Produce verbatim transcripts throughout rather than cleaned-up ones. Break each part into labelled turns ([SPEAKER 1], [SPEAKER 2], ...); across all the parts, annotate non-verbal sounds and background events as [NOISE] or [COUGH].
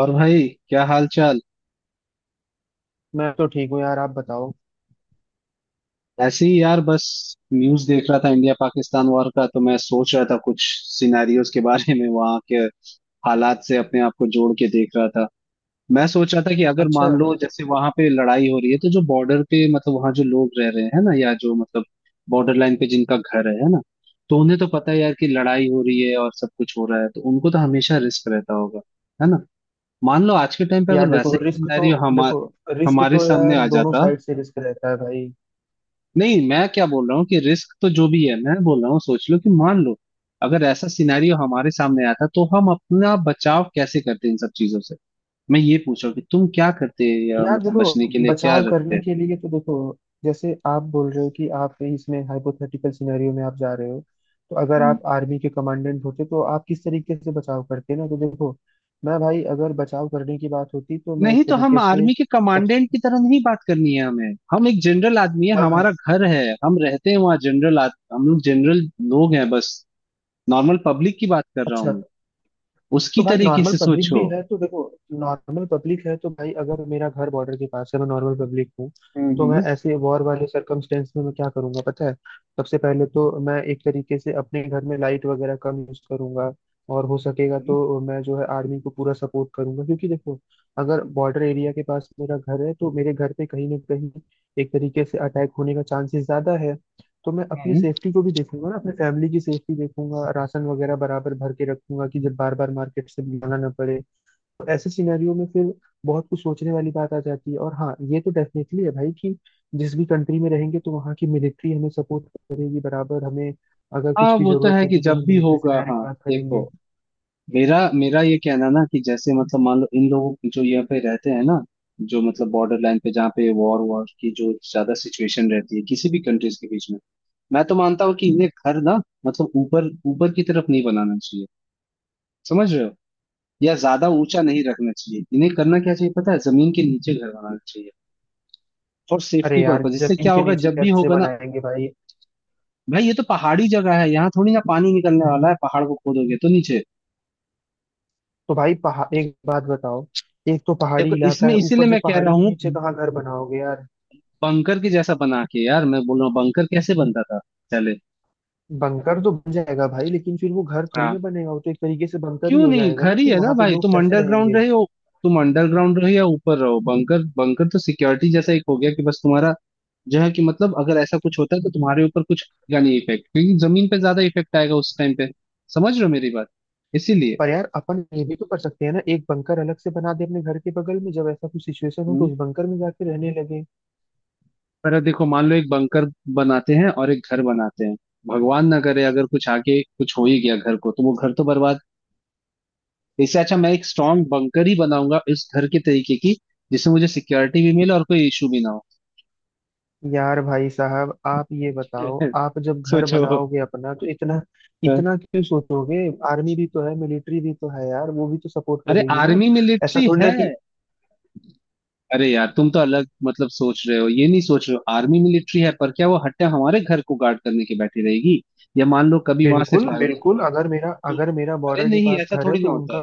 [SPEAKER 1] और भाई, क्या हाल चाल।
[SPEAKER 2] मैं तो ठीक हूँ यार। आप बताओ।
[SPEAKER 1] ऐसे ही यार, बस न्यूज देख रहा था इंडिया पाकिस्तान वॉर का। तो मैं सोच रहा था कुछ सिनेरियोज के बारे में, वहां के हालात से अपने आप को जोड़ के देख रहा था। मैं सोच रहा था कि अगर
[SPEAKER 2] अच्छा।
[SPEAKER 1] मान लो जैसे वहां पे लड़ाई हो रही है, तो जो बॉर्डर पे, मतलब वहां जो लोग रह रहे हैं ना, या जो मतलब बॉर्डर लाइन पे जिनका घर है है ना। तो उन्हें तो पता है यार कि लड़ाई हो रही है और सब कुछ हो रहा है, तो उनको तो हमेशा रिस्क रहता होगा, है ना। मान लो आज के टाइम पे
[SPEAKER 2] यार
[SPEAKER 1] अगर
[SPEAKER 2] देखो,
[SPEAKER 1] वैसा ही
[SPEAKER 2] रिस्क तो
[SPEAKER 1] सिनेरियो हमारे
[SPEAKER 2] देखो रिस्क
[SPEAKER 1] हमारे
[SPEAKER 2] तो
[SPEAKER 1] सामने
[SPEAKER 2] यार
[SPEAKER 1] आ
[SPEAKER 2] दोनों
[SPEAKER 1] जाता।
[SPEAKER 2] साइड से रिस्क रहता है भाई।
[SPEAKER 1] नहीं, मैं क्या बोल रहा हूँ कि रिस्क तो जो भी है, मैं बोल रहा हूँ सोच लो कि मान लो अगर ऐसा सिनेरियो हमारे सामने आता तो हम अपना बचाव कैसे करते इन सब चीजों से। मैं ये पूछ रहा हूँ कि तुम क्या करते, या
[SPEAKER 2] यार
[SPEAKER 1] मतलब
[SPEAKER 2] देखो,
[SPEAKER 1] बचने के लिए क्या
[SPEAKER 2] बचाव
[SPEAKER 1] रखते
[SPEAKER 2] करने
[SPEAKER 1] हैं।
[SPEAKER 2] के लिए तो देखो, जैसे आप बोल रहे हो कि आप इसमें हाइपोथेटिकल सिनेरियो में आप जा रहे हो, तो अगर
[SPEAKER 1] हम्म।
[SPEAKER 2] आप आर्मी के कमांडेंट होते तो आप किस तरीके से बचाव करते ना। तो देखो, मैं भाई अगर बचाव करने की बात होती तो मैं
[SPEAKER 1] नहीं,
[SPEAKER 2] एक
[SPEAKER 1] तो हम
[SPEAKER 2] तरीके से
[SPEAKER 1] आर्मी के कमांडेंट
[SPEAKER 2] सबसे
[SPEAKER 1] की तरह नहीं बात करनी है हमें। हम एक जनरल आदमी है,
[SPEAKER 2] हाँ हाँ।
[SPEAKER 1] हमारा घर है, हम रहते हैं वहाँ। जनरल आद... हम लोग जनरल लोग हैं बस। नॉर्मल पब्लिक की बात कर रहा हूँ
[SPEAKER 2] अच्छा।
[SPEAKER 1] मैं। उसकी
[SPEAKER 2] तो भाई
[SPEAKER 1] तरीके
[SPEAKER 2] नॉर्मल
[SPEAKER 1] से
[SPEAKER 2] पब्लिक भी
[SPEAKER 1] सोचो।
[SPEAKER 2] है तो देखो नॉर्मल पब्लिक है तो भाई अगर मेरा घर बॉर्डर के पास है, मैं नॉर्मल पब्लिक हूँ,
[SPEAKER 1] हम्म
[SPEAKER 2] तो
[SPEAKER 1] हम्म
[SPEAKER 2] मैं ऐसे वॉर वाले सरकमस्टेंस में मैं क्या करूंगा पता है? सबसे पहले तो मैं एक तरीके से अपने घर में लाइट वगैरह कम यूज करूंगा। और हो सकेगा
[SPEAKER 1] हम्म,
[SPEAKER 2] तो मैं जो है आर्मी को पूरा सपोर्ट करूंगा, क्योंकि देखो, अगर बॉर्डर एरिया के पास मेरा घर है तो मेरे घर पे कहीं ना कहीं एक तरीके से अटैक होने का चांसेस ज्यादा है। तो मैं अपनी
[SPEAKER 1] हम्म।
[SPEAKER 2] सेफ्टी को भी देखूंगा ना, अपने फैमिली की सेफ्टी देखूंगा, राशन वगैरह बराबर भर के रखूंगा कि जब बार बार मार्केट से लाना ना पड़े। तो ऐसे सिनेरियो में फिर बहुत कुछ सोचने वाली बात आ जाती है। और हाँ, ये तो डेफिनेटली है भाई कि जिस भी कंट्री में रहेंगे तो वहाँ की मिलिट्री हमें सपोर्ट करेगी बराबर। हमें अगर
[SPEAKER 1] हाँ,
[SPEAKER 2] कुछ भी
[SPEAKER 1] वो तो
[SPEAKER 2] जरूरत
[SPEAKER 1] है कि
[SPEAKER 2] होगी तो
[SPEAKER 1] जब
[SPEAKER 2] हम
[SPEAKER 1] भी
[SPEAKER 2] मिलिट्री से
[SPEAKER 1] होगा।
[SPEAKER 2] डायरेक्ट
[SPEAKER 1] हाँ,
[SPEAKER 2] बात
[SPEAKER 1] देखो
[SPEAKER 2] करेंगे।
[SPEAKER 1] मेरा, मेरा ये कहना ना कि जैसे मतलब मान लो इन लोगों, जो यहाँ पे रहते हैं ना, जो मतलब बॉर्डर लाइन पे जहाँ पे वॉर वॉर की जो ज्यादा सिचुएशन रहती है किसी भी कंट्रीज के बीच में। मैं तो मानता हूँ कि इन्हें घर ना, मतलब ऊपर ऊपर की तरफ नहीं बनाना चाहिए। समझ रहे हो, या ज्यादा ऊंचा नहीं रखना चाहिए। इन्हें करना क्या चाहिए पता है, जमीन के नीचे घर बनाना चाहिए, फॉर
[SPEAKER 2] अरे
[SPEAKER 1] सेफ्टी
[SPEAKER 2] यार,
[SPEAKER 1] पर्पज। इससे
[SPEAKER 2] जमीन
[SPEAKER 1] क्या
[SPEAKER 2] के
[SPEAKER 1] होगा
[SPEAKER 2] नीचे
[SPEAKER 1] जब भी
[SPEAKER 2] कैसे
[SPEAKER 1] होगा ना।
[SPEAKER 2] बनाएंगे भाई?
[SPEAKER 1] भाई ये तो पहाड़ी जगह है, यहाँ थोड़ी ना पानी निकलने वाला है। पहाड़ को खोदोगे तो नीचे।
[SPEAKER 2] तो भाई पहाड़ एक बात बताओ, एक तो पहाड़ी
[SPEAKER 1] देखो
[SPEAKER 2] इलाका
[SPEAKER 1] इसमें,
[SPEAKER 2] है,
[SPEAKER 1] इसीलिए
[SPEAKER 2] ऊपर से
[SPEAKER 1] मैं कह
[SPEAKER 2] पहाड़ी
[SPEAKER 1] रहा
[SPEAKER 2] के
[SPEAKER 1] हूँ
[SPEAKER 2] नीचे कहाँ घर बनाओगे यार?
[SPEAKER 1] बंकर के जैसा बना के। यार मैं बोल रहा हूँ बंकर कैसे बनता था पहले।
[SPEAKER 2] बंकर तो बन जाएगा भाई, लेकिन फिर वो घर थोड़ी ना
[SPEAKER 1] हाँ,
[SPEAKER 2] बनेगा। वो तो एक तरीके से बंकर ही
[SPEAKER 1] क्यों
[SPEAKER 2] हो
[SPEAKER 1] नहीं,
[SPEAKER 2] जाएगा ना।
[SPEAKER 1] घर ही
[SPEAKER 2] फिर
[SPEAKER 1] है ना
[SPEAKER 2] वहां पे
[SPEAKER 1] भाई।
[SPEAKER 2] लोग
[SPEAKER 1] तुम
[SPEAKER 2] कैसे
[SPEAKER 1] अंडरग्राउंड
[SPEAKER 2] रहेंगे?
[SPEAKER 1] रहे हो, तुम अंडरग्राउंड रहो या ऊपर रहो। बंकर बंकर तो सिक्योरिटी जैसा एक हो गया कि बस तुम्हारा जो है, कि मतलब अगर ऐसा कुछ होता है तो तुम्हारे ऊपर कुछ का नहीं इफेक्ट, क्योंकि जमीन पे ज्यादा इफेक्ट आएगा उस टाइम पे। समझ रहे हो मेरी बात, इसीलिए।
[SPEAKER 2] पर यार अपन ये भी तो कर सकते हैं ना, एक बंकर अलग से बना दे अपने घर के बगल में, जब ऐसा कुछ सिचुएशन हो तो
[SPEAKER 1] हम्म,
[SPEAKER 2] उस बंकर में जाके रहने लगे।
[SPEAKER 1] पर देखो मान लो एक बंकर बनाते हैं और एक घर बनाते हैं, भगवान ना करे अगर कुछ आगे कुछ हो ही गया घर को, तो वो घर तो बर्बाद। इससे अच्छा मैं एक स्ट्रांग बंकर ही बनाऊंगा इस घर के तरीके की, जिससे मुझे सिक्योरिटी भी मिले और कोई इशू भी ना हो।
[SPEAKER 2] यार भाई साहब, आप ये बताओ,
[SPEAKER 1] [LAUGHS]
[SPEAKER 2] आप जब घर
[SPEAKER 1] सोचो।
[SPEAKER 2] बनाओगे अपना तो इतना इतना क्यों सोचोगे? आर्मी भी तो है, मिलिट्री भी तो है यार, वो भी तो सपोर्ट
[SPEAKER 1] अरे
[SPEAKER 2] करेगी ना।
[SPEAKER 1] आर्मी
[SPEAKER 2] ऐसा
[SPEAKER 1] मिलिट्री
[SPEAKER 2] थोड़ी ना
[SPEAKER 1] है।
[SPEAKER 2] कि
[SPEAKER 1] अरे यार तुम तो अलग मतलब सोच रहे हो, ये नहीं सोच रहे हो। आर्मी मिलिट्री है, पर क्या वो हट्टा हमारे घर को गार्ड करने के बैठी रहेगी, या मान लो कभी वहां से
[SPEAKER 2] बिल्कुल
[SPEAKER 1] फायदा।
[SPEAKER 2] बिल्कुल। अगर मेरा
[SPEAKER 1] तो
[SPEAKER 2] अगर मेरा
[SPEAKER 1] अरे
[SPEAKER 2] बॉर्डर के
[SPEAKER 1] नहीं,
[SPEAKER 2] पास
[SPEAKER 1] ऐसा
[SPEAKER 2] घर है
[SPEAKER 1] थोड़ी ना
[SPEAKER 2] तो
[SPEAKER 1] होता है।
[SPEAKER 2] उनका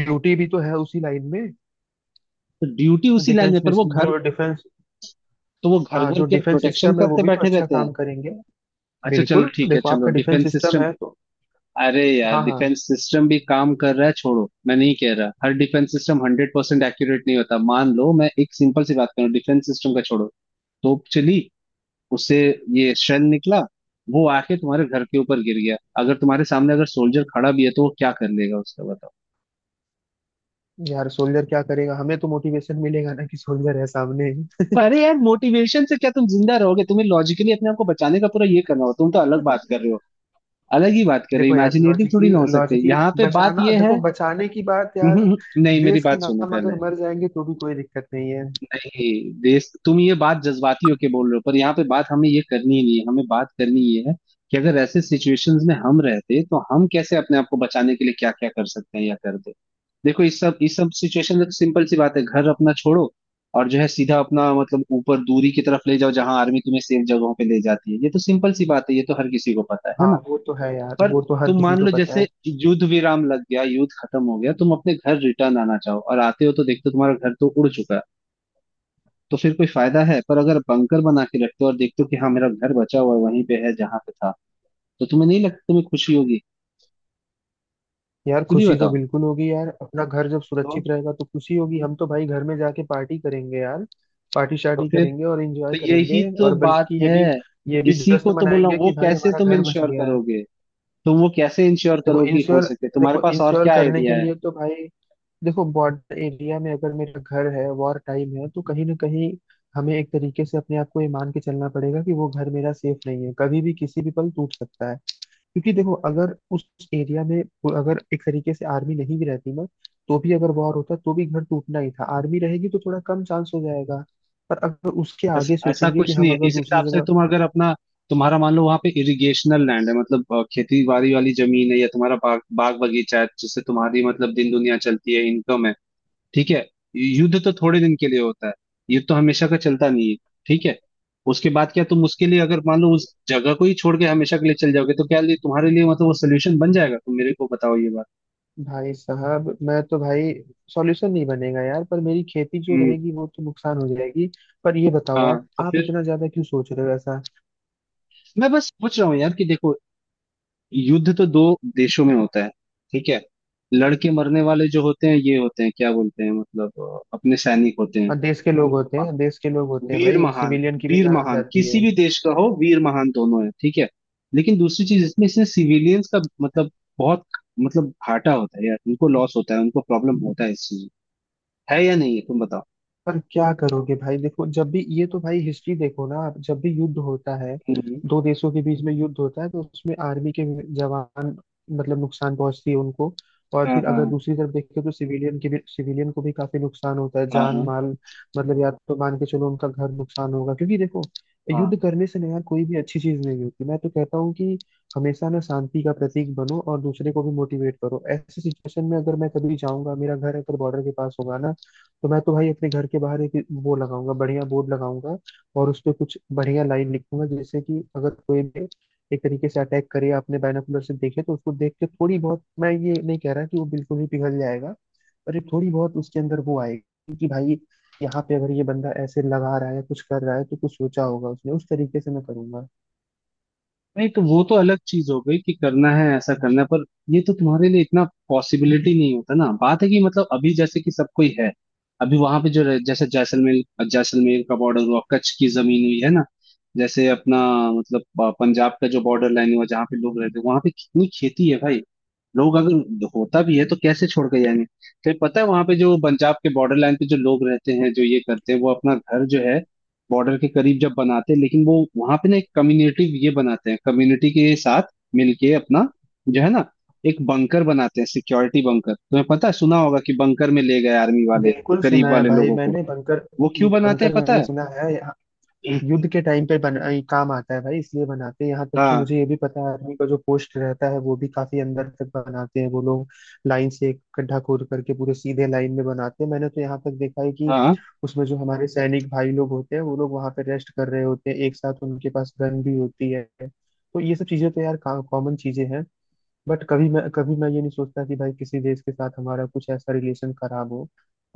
[SPEAKER 2] ड्यूटी भी तो है उसी लाइन में।
[SPEAKER 1] तो ड्यूटी उसी लाइन में,
[SPEAKER 2] डिफेंस
[SPEAKER 1] पर
[SPEAKER 2] मिस
[SPEAKER 1] वो घर,
[SPEAKER 2] जो डिफेंस
[SPEAKER 1] तो वो घर,
[SPEAKER 2] हाँ,
[SPEAKER 1] घर
[SPEAKER 2] जो
[SPEAKER 1] के
[SPEAKER 2] डिफेंस
[SPEAKER 1] प्रोटेक्शन
[SPEAKER 2] सिस्टम है वो
[SPEAKER 1] करते
[SPEAKER 2] भी तो
[SPEAKER 1] बैठे
[SPEAKER 2] अच्छा
[SPEAKER 1] रहते हैं।
[SPEAKER 2] काम करेंगे।
[SPEAKER 1] अच्छा चलो
[SPEAKER 2] बिल्कुल
[SPEAKER 1] ठीक है,
[SPEAKER 2] देखो,
[SPEAKER 1] चलो
[SPEAKER 2] आपका डिफेंस
[SPEAKER 1] डिफेंस
[SPEAKER 2] सिस्टम
[SPEAKER 1] सिस्टम।
[SPEAKER 2] है तो
[SPEAKER 1] अरे यार
[SPEAKER 2] हाँ हाँ।
[SPEAKER 1] डिफेंस सिस्टम भी काम कर रहा है, छोड़ो। मैं नहीं कह रहा, हर defence system hundred percent accurate नहीं होता। मान लो मैं एक सिंपल सी बात करूँ डिफेंस सिस्टम का, छोड़ो। तोप चली, उससे ये शेल निकला, वो आके तुम्हारे घर के ऊपर गिर गया। अगर तुम्हारे सामने अगर सोल्जर खड़ा भी है तो वो क्या कर लेगा उसका, बताओ।
[SPEAKER 2] यार सोल्जर क्या करेगा? हमें तो मोटिवेशन मिलेगा ना कि सोल्जर है सामने।
[SPEAKER 1] अरे यार मोटिवेशन से क्या तुम जिंदा रहोगे। तुम्हें लॉजिकली अपने आप को बचाने का पूरा ये करना हो। तुम तो अलग बात कर रहे हो, अलग ही बात कर रहे
[SPEAKER 2] देखो
[SPEAKER 1] हो।
[SPEAKER 2] यार,
[SPEAKER 1] इमेजिनेटिव थोड़ी
[SPEAKER 2] लॉजिकली
[SPEAKER 1] ना हो सकते,
[SPEAKER 2] लॉजिकली
[SPEAKER 1] यहाँ पे बात
[SPEAKER 2] बचाना
[SPEAKER 1] ये
[SPEAKER 2] देखो
[SPEAKER 1] है।
[SPEAKER 2] बचाने की बात यार,
[SPEAKER 1] [LAUGHS] नहीं मेरी
[SPEAKER 2] देश के
[SPEAKER 1] बात सुनो
[SPEAKER 2] नाम अगर
[SPEAKER 1] पहले।
[SPEAKER 2] मर जाएंगे तो भी कोई दिक्कत नहीं है।
[SPEAKER 1] नहीं, देश, तुम ये बात जज्बाती होके बोल रहे हो, पर यहाँ पे बात हमें ये करनी ही नहीं है। हमें बात करनी ये है कि अगर ऐसे सिचुएशंस में हम रहते तो हम कैसे अपने आप को बचाने के लिए क्या क्या कर सकते हैं या करते। देखो इस सब इस सब सिचुएशन में सिंपल सी बात है, घर अपना छोड़ो और जो है सीधा अपना मतलब ऊपर दूरी की तरफ ले जाओ, जहां आर्मी तुम्हें सेफ जगहों पे ले जाती है। ये तो सिंपल सी बात है, ये तो हर किसी को पता है है
[SPEAKER 2] हाँ,
[SPEAKER 1] ना।
[SPEAKER 2] वो तो है यार,
[SPEAKER 1] पर
[SPEAKER 2] वो तो हर
[SPEAKER 1] तुम
[SPEAKER 2] किसी
[SPEAKER 1] मान
[SPEAKER 2] को
[SPEAKER 1] लो
[SPEAKER 2] पता है।
[SPEAKER 1] जैसे युद्ध विराम लग गया, युद्ध खत्म हो गया, तुम अपने घर रिटर्न आना चाहो, और आते हो तो देखते हो तुम्हारा घर तो उड़ चुका है, तो फिर कोई फायदा है। पर अगर बंकर बना के रखते हो और देखते हो कि हाँ, मेरा घर बचा हुआ है, वहीं पे है जहां पे था, तो तुम्हें नहीं लगता तुम्हें खुशी होगी।
[SPEAKER 2] यार
[SPEAKER 1] खुद ही
[SPEAKER 2] खुशी तो
[SPEAKER 1] बताओ।
[SPEAKER 2] बिल्कुल होगी यार, अपना घर जब सुरक्षित
[SPEAKER 1] तो
[SPEAKER 2] रहेगा तो खुशी होगी। हम तो भाई घर में जाके पार्टी करेंगे यार। पार्टी
[SPEAKER 1] तो
[SPEAKER 2] शार्टी
[SPEAKER 1] फिर
[SPEAKER 2] करेंगे और
[SPEAKER 1] तो
[SPEAKER 2] एंजॉय करेंगे,
[SPEAKER 1] यही तो
[SPEAKER 2] और
[SPEAKER 1] बात
[SPEAKER 2] बल्कि ये
[SPEAKER 1] है।
[SPEAKER 2] भी ये भी
[SPEAKER 1] इसी को
[SPEAKER 2] जश्न
[SPEAKER 1] तो बोल रहा हूँ,
[SPEAKER 2] मनाएंगे
[SPEAKER 1] वो
[SPEAKER 2] कि भाई
[SPEAKER 1] कैसे
[SPEAKER 2] हमारा
[SPEAKER 1] तुम
[SPEAKER 2] घर बच
[SPEAKER 1] इंश्योर
[SPEAKER 2] गया है।
[SPEAKER 1] करोगे। तुम वो कैसे इंश्योर
[SPEAKER 2] देखो
[SPEAKER 1] करो कि, हो
[SPEAKER 2] इंश्योर
[SPEAKER 1] सके तुम्हारे
[SPEAKER 2] देखो,
[SPEAKER 1] पास और
[SPEAKER 2] इंश्योर
[SPEAKER 1] क्या
[SPEAKER 2] करने के
[SPEAKER 1] आइडिया है।
[SPEAKER 2] लिए तो भाई देखो, बॉर्डर एरिया में अगर मेरा घर है, वॉर टाइम है, तो कहीं ना कहीं हमें एक तरीके से अपने आप को ये मान के चलना पड़ेगा कि वो घर मेरा सेफ नहीं है, कभी भी किसी भी पल टूट सकता है। क्योंकि देखो, अगर उस एरिया में वो अगर एक तरीके से आर्मी नहीं भी रहती ना, तो भी अगर वॉर होता तो भी घर टूटना ही था। आर्मी रहेगी तो थोड़ा कम चांस हो जाएगा। पर अगर उसके आगे
[SPEAKER 1] ऐसा ऐसा
[SPEAKER 2] सोचेंगे कि
[SPEAKER 1] कुछ नहीं
[SPEAKER 2] हम
[SPEAKER 1] है।
[SPEAKER 2] अगर
[SPEAKER 1] इस
[SPEAKER 2] दूसरी
[SPEAKER 1] हिसाब से
[SPEAKER 2] जगह
[SPEAKER 1] तुम अगर अपना, तुम्हारा मान लो वहां पे इरिगेशनल लैंड है, मतलब अ, खेती बाड़ी वाली जमीन है, या तुम्हारा बाग, बाग बगीचा है, जिससे तुम्हारी मतलब दिन दुनिया चलती है, इनकम है। ठीक है, युद्ध तो थोड़े दिन के लिए होता है, युद्ध तो हमेशा का चलता नहीं है, ठीक है। उसके बाद क्या तुम उसके लिए, अगर मान लो उस जगह को ही छोड़ के हमेशा के लिए चल जाओगे, तो क्या लिए तुम्हारे लिए मतलब वो सोल्यूशन बन जाएगा, तुम मेरे को बताओ ये बात।
[SPEAKER 2] भाई साहब मैं तो भाई सॉल्यूशन नहीं बनेगा यार, पर मेरी खेती जो
[SPEAKER 1] हम्म।
[SPEAKER 2] रहेगी वो तो नुकसान हो जाएगी। पर ये बताओ,
[SPEAKER 1] हाँ
[SPEAKER 2] आप
[SPEAKER 1] तो
[SPEAKER 2] आप
[SPEAKER 1] फिर
[SPEAKER 2] इतना ज्यादा क्यों सोच रहे हो ऐसा?
[SPEAKER 1] मैं बस पूछ रहा हूँ यार, कि देखो युद्ध तो दो देशों में होता है, ठीक है। लड़के मरने वाले जो होते हैं, ये होते हैं, क्या बोलते हैं मतलब अ, अपने सैनिक होते हैं,
[SPEAKER 2] और देश के लोग होते हैं, देश के लोग होते हैं
[SPEAKER 1] वीर
[SPEAKER 2] भाई,
[SPEAKER 1] महान।
[SPEAKER 2] सिविलियन की भी
[SPEAKER 1] वीर
[SPEAKER 2] जान
[SPEAKER 1] महान
[SPEAKER 2] जाती
[SPEAKER 1] किसी
[SPEAKER 2] है।
[SPEAKER 1] भी देश का हो, वीर महान दोनों है, ठीक है। लेकिन दूसरी चीज इसमें, इसने सिविलियंस का मतलब बहुत मतलब घाटा होता है यार, उनको लॉस होता है, उनको प्रॉब्लम होता है इस चीज, है या नहीं है तुम बताओ।
[SPEAKER 2] पर क्या करोगे भाई? देखो जब भी ये तो भाई हिस्ट्री देखो ना, आप जब भी युद्ध होता है
[SPEAKER 1] हम्म,
[SPEAKER 2] दो देशों के बीच में युद्ध होता है, तो उसमें आर्मी के जवान, मतलब नुकसान पहुंचती है उनको। और
[SPEAKER 1] हाँ,
[SPEAKER 2] फिर अगर
[SPEAKER 1] हाँ।
[SPEAKER 2] दूसरी तरफ देखें तो सिविलियन के भी, सिविलियन को भी काफी नुकसान होता है, जान
[SPEAKER 1] हाँ,
[SPEAKER 2] माल मतलब। या तो मान के चलो उनका घर नुकसान होगा, क्योंकि देखो,
[SPEAKER 1] हाँ।
[SPEAKER 2] युद्ध करने से ना यार कोई भी अच्छी चीज नहीं होती। मैं तो कहता हूँ कि हमेशा ना शांति का प्रतीक बनो और दूसरे को भी मोटिवेट करो। ऐसी सिचुएशन में अगर मैं कभी जाऊंगा, मेरा घर अगर बॉर्डर के पास होगा ना, तो मैं तो भाई अपने घर के बाहर एक वो लगाऊंगा, बढ़िया बोर्ड लगाऊंगा। और उस पे कुछ बढ़िया लाइन लिखूंगा, जैसे कि अगर कोई भी एक तरीके से अटैक करे, आपने बायनोकुलर से देखे, तो उसको देख के थोड़ी बहुत, मैं ये नहीं कह रहा कि वो बिल्कुल ही पिघल जाएगा, पर ये थोड़ी बहुत उसके अंदर वो आएगी कि भाई यहाँ पे अगर ये बंदा ऐसे लगा रहा है, कुछ कर रहा है तो कुछ सोचा होगा उसने। उस तरीके से मैं करूंगा।
[SPEAKER 1] नहीं तो वो तो अलग चीज हो गई कि करना है ऐसा करना है। पर ये तो तुम्हारे लिए इतना पॉसिबिलिटी नहीं होता ना, बात है कि मतलब अभी जैसे कि सब कोई है। अभी वहां पे जो रह- जैसे जैसलमेर, जैसलमेर का बॉर्डर हुआ, कच्छ की जमीन हुई है ना, जैसे अपना मतलब अ, पंजाब का जो बॉर्डर लाइन हुआ, जहाँ पे लोग रहते हैं, वहां पे कितनी खेती है भाई। लोग अगर होता भी है तो कैसे छोड़ के जाएंगे। तो पता है वहां पे जो पंजाब के बॉर्डर लाइन पे जो लोग रहते हैं, जो ये करते हैं, वो अपना घर जो है बॉर्डर के करीब जब बनाते हैं, लेकिन वो वहां पे ना एक कम्युनिटी ये बनाते हैं। कम्युनिटी के साथ मिलके अपना जो है ना, एक बंकर बनाते हैं, सिक्योरिटी बंकर। तुम्हें पता है, सुना होगा कि बंकर में ले गए आर्मी वाले
[SPEAKER 2] बिल्कुल सुना
[SPEAKER 1] करीब
[SPEAKER 2] है
[SPEAKER 1] वाले
[SPEAKER 2] भाई,
[SPEAKER 1] लोगों को।
[SPEAKER 2] मैंने बंकर
[SPEAKER 1] वो क्यों बनाते हैं
[SPEAKER 2] बंकर
[SPEAKER 1] पता
[SPEAKER 2] मैंने
[SPEAKER 1] है।
[SPEAKER 2] सुना है।
[SPEAKER 1] [CLEARS THROAT]
[SPEAKER 2] युद्ध के टाइम पे बना ये काम आता है भाई, इसलिए बनाते हैं। यहाँ तक कि
[SPEAKER 1] हाँ,
[SPEAKER 2] मुझे ये भी पता है, आर्मी का जो पोस्ट रहता है वो भी काफी अंदर तक बनाते हैं वो लोग। लाइन से एक गड्ढा खोद करके पूरे सीधे लाइन में बनाते हैं। मैंने तो यहाँ तक देखा है कि
[SPEAKER 1] हाँ।
[SPEAKER 2] उसमें जो हमारे सैनिक भाई लोग होते हैं, वो लोग वहां पे रेस्ट कर रहे होते हैं एक साथ, उनके पास गन भी होती है। तो ये सब चीजें तो यार कॉमन चीजें हैं। बट कभी मैं कभी मैं ये नहीं सोचता कि भाई किसी देश के साथ हमारा कुछ ऐसा रिलेशन खराब हो।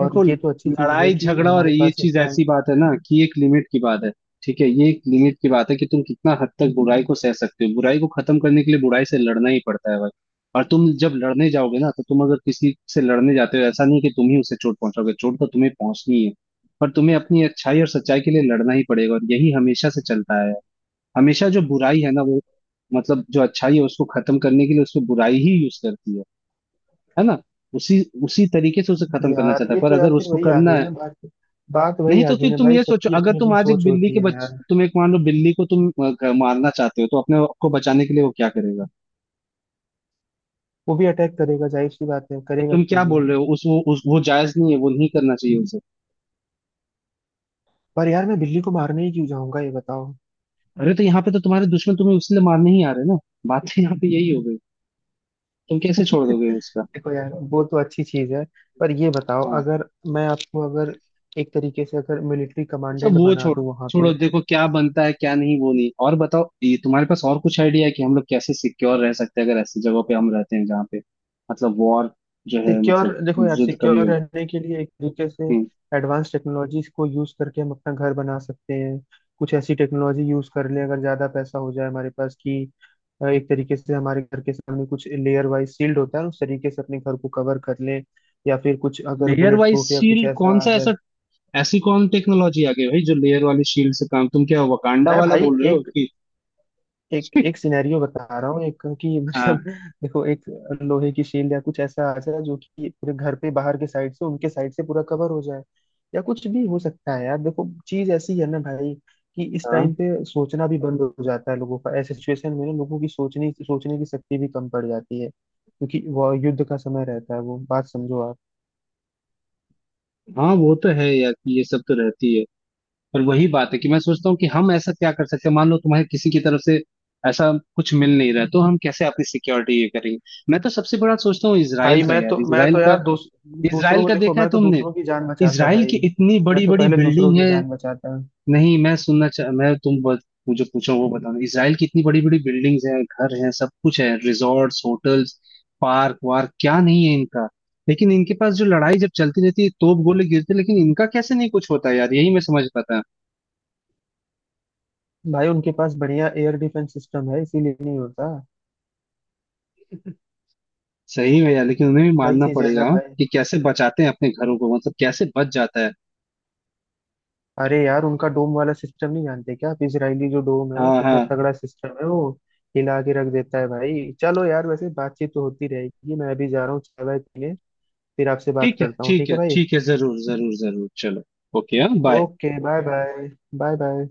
[SPEAKER 2] और
[SPEAKER 1] देखो
[SPEAKER 2] ये तो अच्छी चीज है
[SPEAKER 1] लड़ाई
[SPEAKER 2] कि
[SPEAKER 1] झगड़ा और
[SPEAKER 2] हमारे
[SPEAKER 1] ये
[SPEAKER 2] पास
[SPEAKER 1] चीज
[SPEAKER 2] इतना
[SPEAKER 1] ऐसी बात है ना कि एक लिमिट की बात है। ठीक है, ये एक लिमिट की बात है कि तुम कितना हद तक बुराई को सह सकते हो। बुराई को खत्म करने के लिए बुराई से लड़ना ही पड़ता है भाई। और तुम जब लड़ने जाओगे ना, तो तुम अगर किसी से लड़ने जाते हो, ऐसा नहीं कि तुम ही उसे चोट पहुंचाओगे, चोट तो तुम्हें पहुंचनी है। पर तुम्हें अपनी अच्छाई और सच्चाई के लिए लड़ना ही पड़ेगा, और यही हमेशा से चलता आया है। हमेशा जो बुराई है ना वो, मतलब जो अच्छाई है उसको खत्म करने के लिए उसको बुराई ही यूज करती है है ना। उसी उसी तरीके से उसे खत्म करना
[SPEAKER 2] यार।
[SPEAKER 1] चाहता है,
[SPEAKER 2] ये
[SPEAKER 1] पर
[SPEAKER 2] तो
[SPEAKER 1] अगर
[SPEAKER 2] यार फिर
[SPEAKER 1] उसको
[SPEAKER 2] वही आ
[SPEAKER 1] करना
[SPEAKER 2] गई
[SPEAKER 1] है।
[SPEAKER 2] ना बात। बात
[SPEAKER 1] नहीं,
[SPEAKER 2] वही आ
[SPEAKER 1] तो
[SPEAKER 2] गई
[SPEAKER 1] फिर
[SPEAKER 2] ना
[SPEAKER 1] तुम
[SPEAKER 2] भाई,
[SPEAKER 1] ये सोचो,
[SPEAKER 2] सबकी
[SPEAKER 1] अगर
[SPEAKER 2] अपनी
[SPEAKER 1] तुम
[SPEAKER 2] अपनी
[SPEAKER 1] आज एक
[SPEAKER 2] सोच
[SPEAKER 1] बिल्ली
[SPEAKER 2] होती
[SPEAKER 1] के
[SPEAKER 2] है
[SPEAKER 1] बच
[SPEAKER 2] यार।
[SPEAKER 1] तुम एक मान लो बिल्ली को तुम अ, ग- मारना चाहते हो, तो अपने आप को बचाने के लिए वो क्या करेगा।
[SPEAKER 2] वो भी अटैक करेगा, जाहिर सी बात है,
[SPEAKER 1] तो
[SPEAKER 2] करेगा
[SPEAKER 1] तुम
[SPEAKER 2] क्यों
[SPEAKER 1] क्या
[SPEAKER 2] नहीं?
[SPEAKER 1] बोल रहे हो उस, वो उस, वो जायज नहीं है, वो नहीं करना चाहिए उसे।
[SPEAKER 2] पर यार मैं बिल्ली को मारने ही क्यों जाऊंगा? ये बताओ।
[SPEAKER 1] अरे तो यहाँ पे तो तुम्हारे दुश्मन तुम्हें उसलिए मारने ही आ रहे हैं ना, बात तो यहाँ पे यही हो गई। तुम कैसे छोड़
[SPEAKER 2] [LAUGHS]
[SPEAKER 1] दोगे
[SPEAKER 2] देखो
[SPEAKER 1] उसका।
[SPEAKER 2] यार, वो तो अच्छी चीज है। पर ये बताओ,
[SPEAKER 1] हाँ,
[SPEAKER 2] अगर मैं आपको अगर एक तरीके से अगर मिलिट्री
[SPEAKER 1] अच्छा
[SPEAKER 2] कमांडेंट
[SPEAKER 1] वो
[SPEAKER 2] बना
[SPEAKER 1] छोड़,
[SPEAKER 2] दूं वहां पे।
[SPEAKER 1] छोड़ो, देखो क्या बनता है क्या नहीं वो नहीं। और बताओ, ये तुम्हारे पास और कुछ आइडिया है कि हम लोग कैसे सिक्योर रह सकते हैं, अगर ऐसी जगहों पे हम रहते हैं जहाँ पे मतलब वॉर जो है
[SPEAKER 2] सिक्योर
[SPEAKER 1] मतलब
[SPEAKER 2] देखो यार,
[SPEAKER 1] युद्ध
[SPEAKER 2] सिक्योर
[SPEAKER 1] कभी हो।
[SPEAKER 2] रहने के लिए एक तरीके से
[SPEAKER 1] हम्म।
[SPEAKER 2] एडवांस टेक्नोलॉजीज को यूज करके हम अपना घर बना सकते हैं। कुछ ऐसी टेक्नोलॉजी यूज कर लें अगर ज्यादा पैसा हो जाए हमारे पास कि अ, एक तरीके से हमारे घर के सामने कुछ लेयर वाइज सील्ड होता है, उस तरीके से अपने घर को कवर कर लें। या फिर कुछ अगर
[SPEAKER 1] लेयर
[SPEAKER 2] बुलेट
[SPEAKER 1] वाइज
[SPEAKER 2] प्रूफ या कुछ
[SPEAKER 1] शील्ड, कौन
[SPEAKER 2] ऐसा आ
[SPEAKER 1] सा
[SPEAKER 2] जाए।
[SPEAKER 1] ऐसा, ऐसी कौन टेक्नोलॉजी आ गई भाई, जो लेयर वाली शील्ड से काम? तुम क्या वकांडा
[SPEAKER 2] मैं
[SPEAKER 1] वाला
[SPEAKER 2] भाई
[SPEAKER 1] बोल रहे हो
[SPEAKER 2] एक
[SPEAKER 1] कि।
[SPEAKER 2] एक एक
[SPEAKER 1] [LAUGHS]
[SPEAKER 2] सिनेरियो बता रहा हूँ, एक कि
[SPEAKER 1] हाँ,
[SPEAKER 2] मतलब [LAUGHS] देखो, एक लोहे की शील्ड या कुछ ऐसा आ जाए जो कि पूरे घर पे बाहर के साइड से उनके साइड से पूरा कवर हो जाए। या कुछ भी हो सकता है यार। देखो चीज ऐसी है ना भाई, कि इस
[SPEAKER 1] हाँ।
[SPEAKER 2] टाइम पे सोचना भी बंद हो जाता है लोगों का। ऐसे सिचुएशन में ना लोगों की सोचने सोचने की शक्ति भी कम पड़ जाती है, क्योंकि वो युद्ध का समय रहता है। वो बात समझो आप।
[SPEAKER 1] हाँ वो तो है यार कि ये सब तो रहती है। पर वही बात है कि मैं सोचता हूँ कि हम ऐसा क्या कर सकते हैं, मान लो तुम्हें किसी की तरफ से ऐसा कुछ मिल नहीं रहा है, तो हम कैसे अपनी सिक्योरिटी ये करेंगे। मैं तो सबसे बड़ा सोचता हूँ इसराइल
[SPEAKER 2] भाई
[SPEAKER 1] का,
[SPEAKER 2] मैं तो
[SPEAKER 1] यार
[SPEAKER 2] मैं
[SPEAKER 1] इसराइल
[SPEAKER 2] तो
[SPEAKER 1] का।
[SPEAKER 2] यार दूस, दूसरों
[SPEAKER 1] इसराइल
[SPEAKER 2] को
[SPEAKER 1] का
[SPEAKER 2] देखो,
[SPEAKER 1] देखा है
[SPEAKER 2] मैं तो
[SPEAKER 1] तुमने,
[SPEAKER 2] दूसरों की जान बचाता
[SPEAKER 1] इसराइल
[SPEAKER 2] भाई।
[SPEAKER 1] की इतनी
[SPEAKER 2] मैं
[SPEAKER 1] बड़ी
[SPEAKER 2] तो
[SPEAKER 1] बड़ी
[SPEAKER 2] पहले दूसरों
[SPEAKER 1] बिल्डिंग
[SPEAKER 2] की
[SPEAKER 1] है।
[SPEAKER 2] जान बचाता
[SPEAKER 1] नहीं मैं सुनना चाह, मैं, तुम बस मुझे पूछो वो बताओ। इसराइल की इतनी बड़ी बड़ी बिल्डिंग्स हैं, घर हैं, सब कुछ है, रिजॉर्ट्स, होटल्स, पार्क वार्क क्या नहीं है इनका। लेकिन इनके पास जो लड़ाई जब चलती रहती है, तोप गोले गिरते, लेकिन इनका कैसे नहीं कुछ होता यार, यही मैं समझ पाता।
[SPEAKER 2] भाई। उनके पास बढ़िया एयर डिफेंस सिस्टम है, इसीलिए नहीं होता।
[SPEAKER 1] सही है यार, लेकिन उन्हें भी
[SPEAKER 2] वही
[SPEAKER 1] मानना
[SPEAKER 2] चीज है
[SPEAKER 1] पड़ेगा
[SPEAKER 2] ना
[SPEAKER 1] हाँ,
[SPEAKER 2] भाई।
[SPEAKER 1] कि कैसे बचाते हैं अपने घरों को, मतलब कैसे बच जाता है।
[SPEAKER 2] अरे यार, उनका डोम वाला सिस्टम नहीं जानते क्या आप? इजरायली जो डोम है,
[SPEAKER 1] हाँ, हाँ।
[SPEAKER 2] कितना तगड़ा सिस्टम है वो, हिला के रख देता है भाई। चलो यार, वैसे बातचीत तो होती रहेगी, मैं अभी जा रहा हूँ चाय वाय पीने। फिर आपसे बात
[SPEAKER 1] ठीक है,
[SPEAKER 2] करता हूँ,
[SPEAKER 1] ठीक
[SPEAKER 2] ठीक
[SPEAKER 1] है,
[SPEAKER 2] है भाई?
[SPEAKER 1] ठीक है, जरूर जरूर जरूर, चलो। ओके, हाँ, bye.
[SPEAKER 2] Okay, bye bye. Bye bye.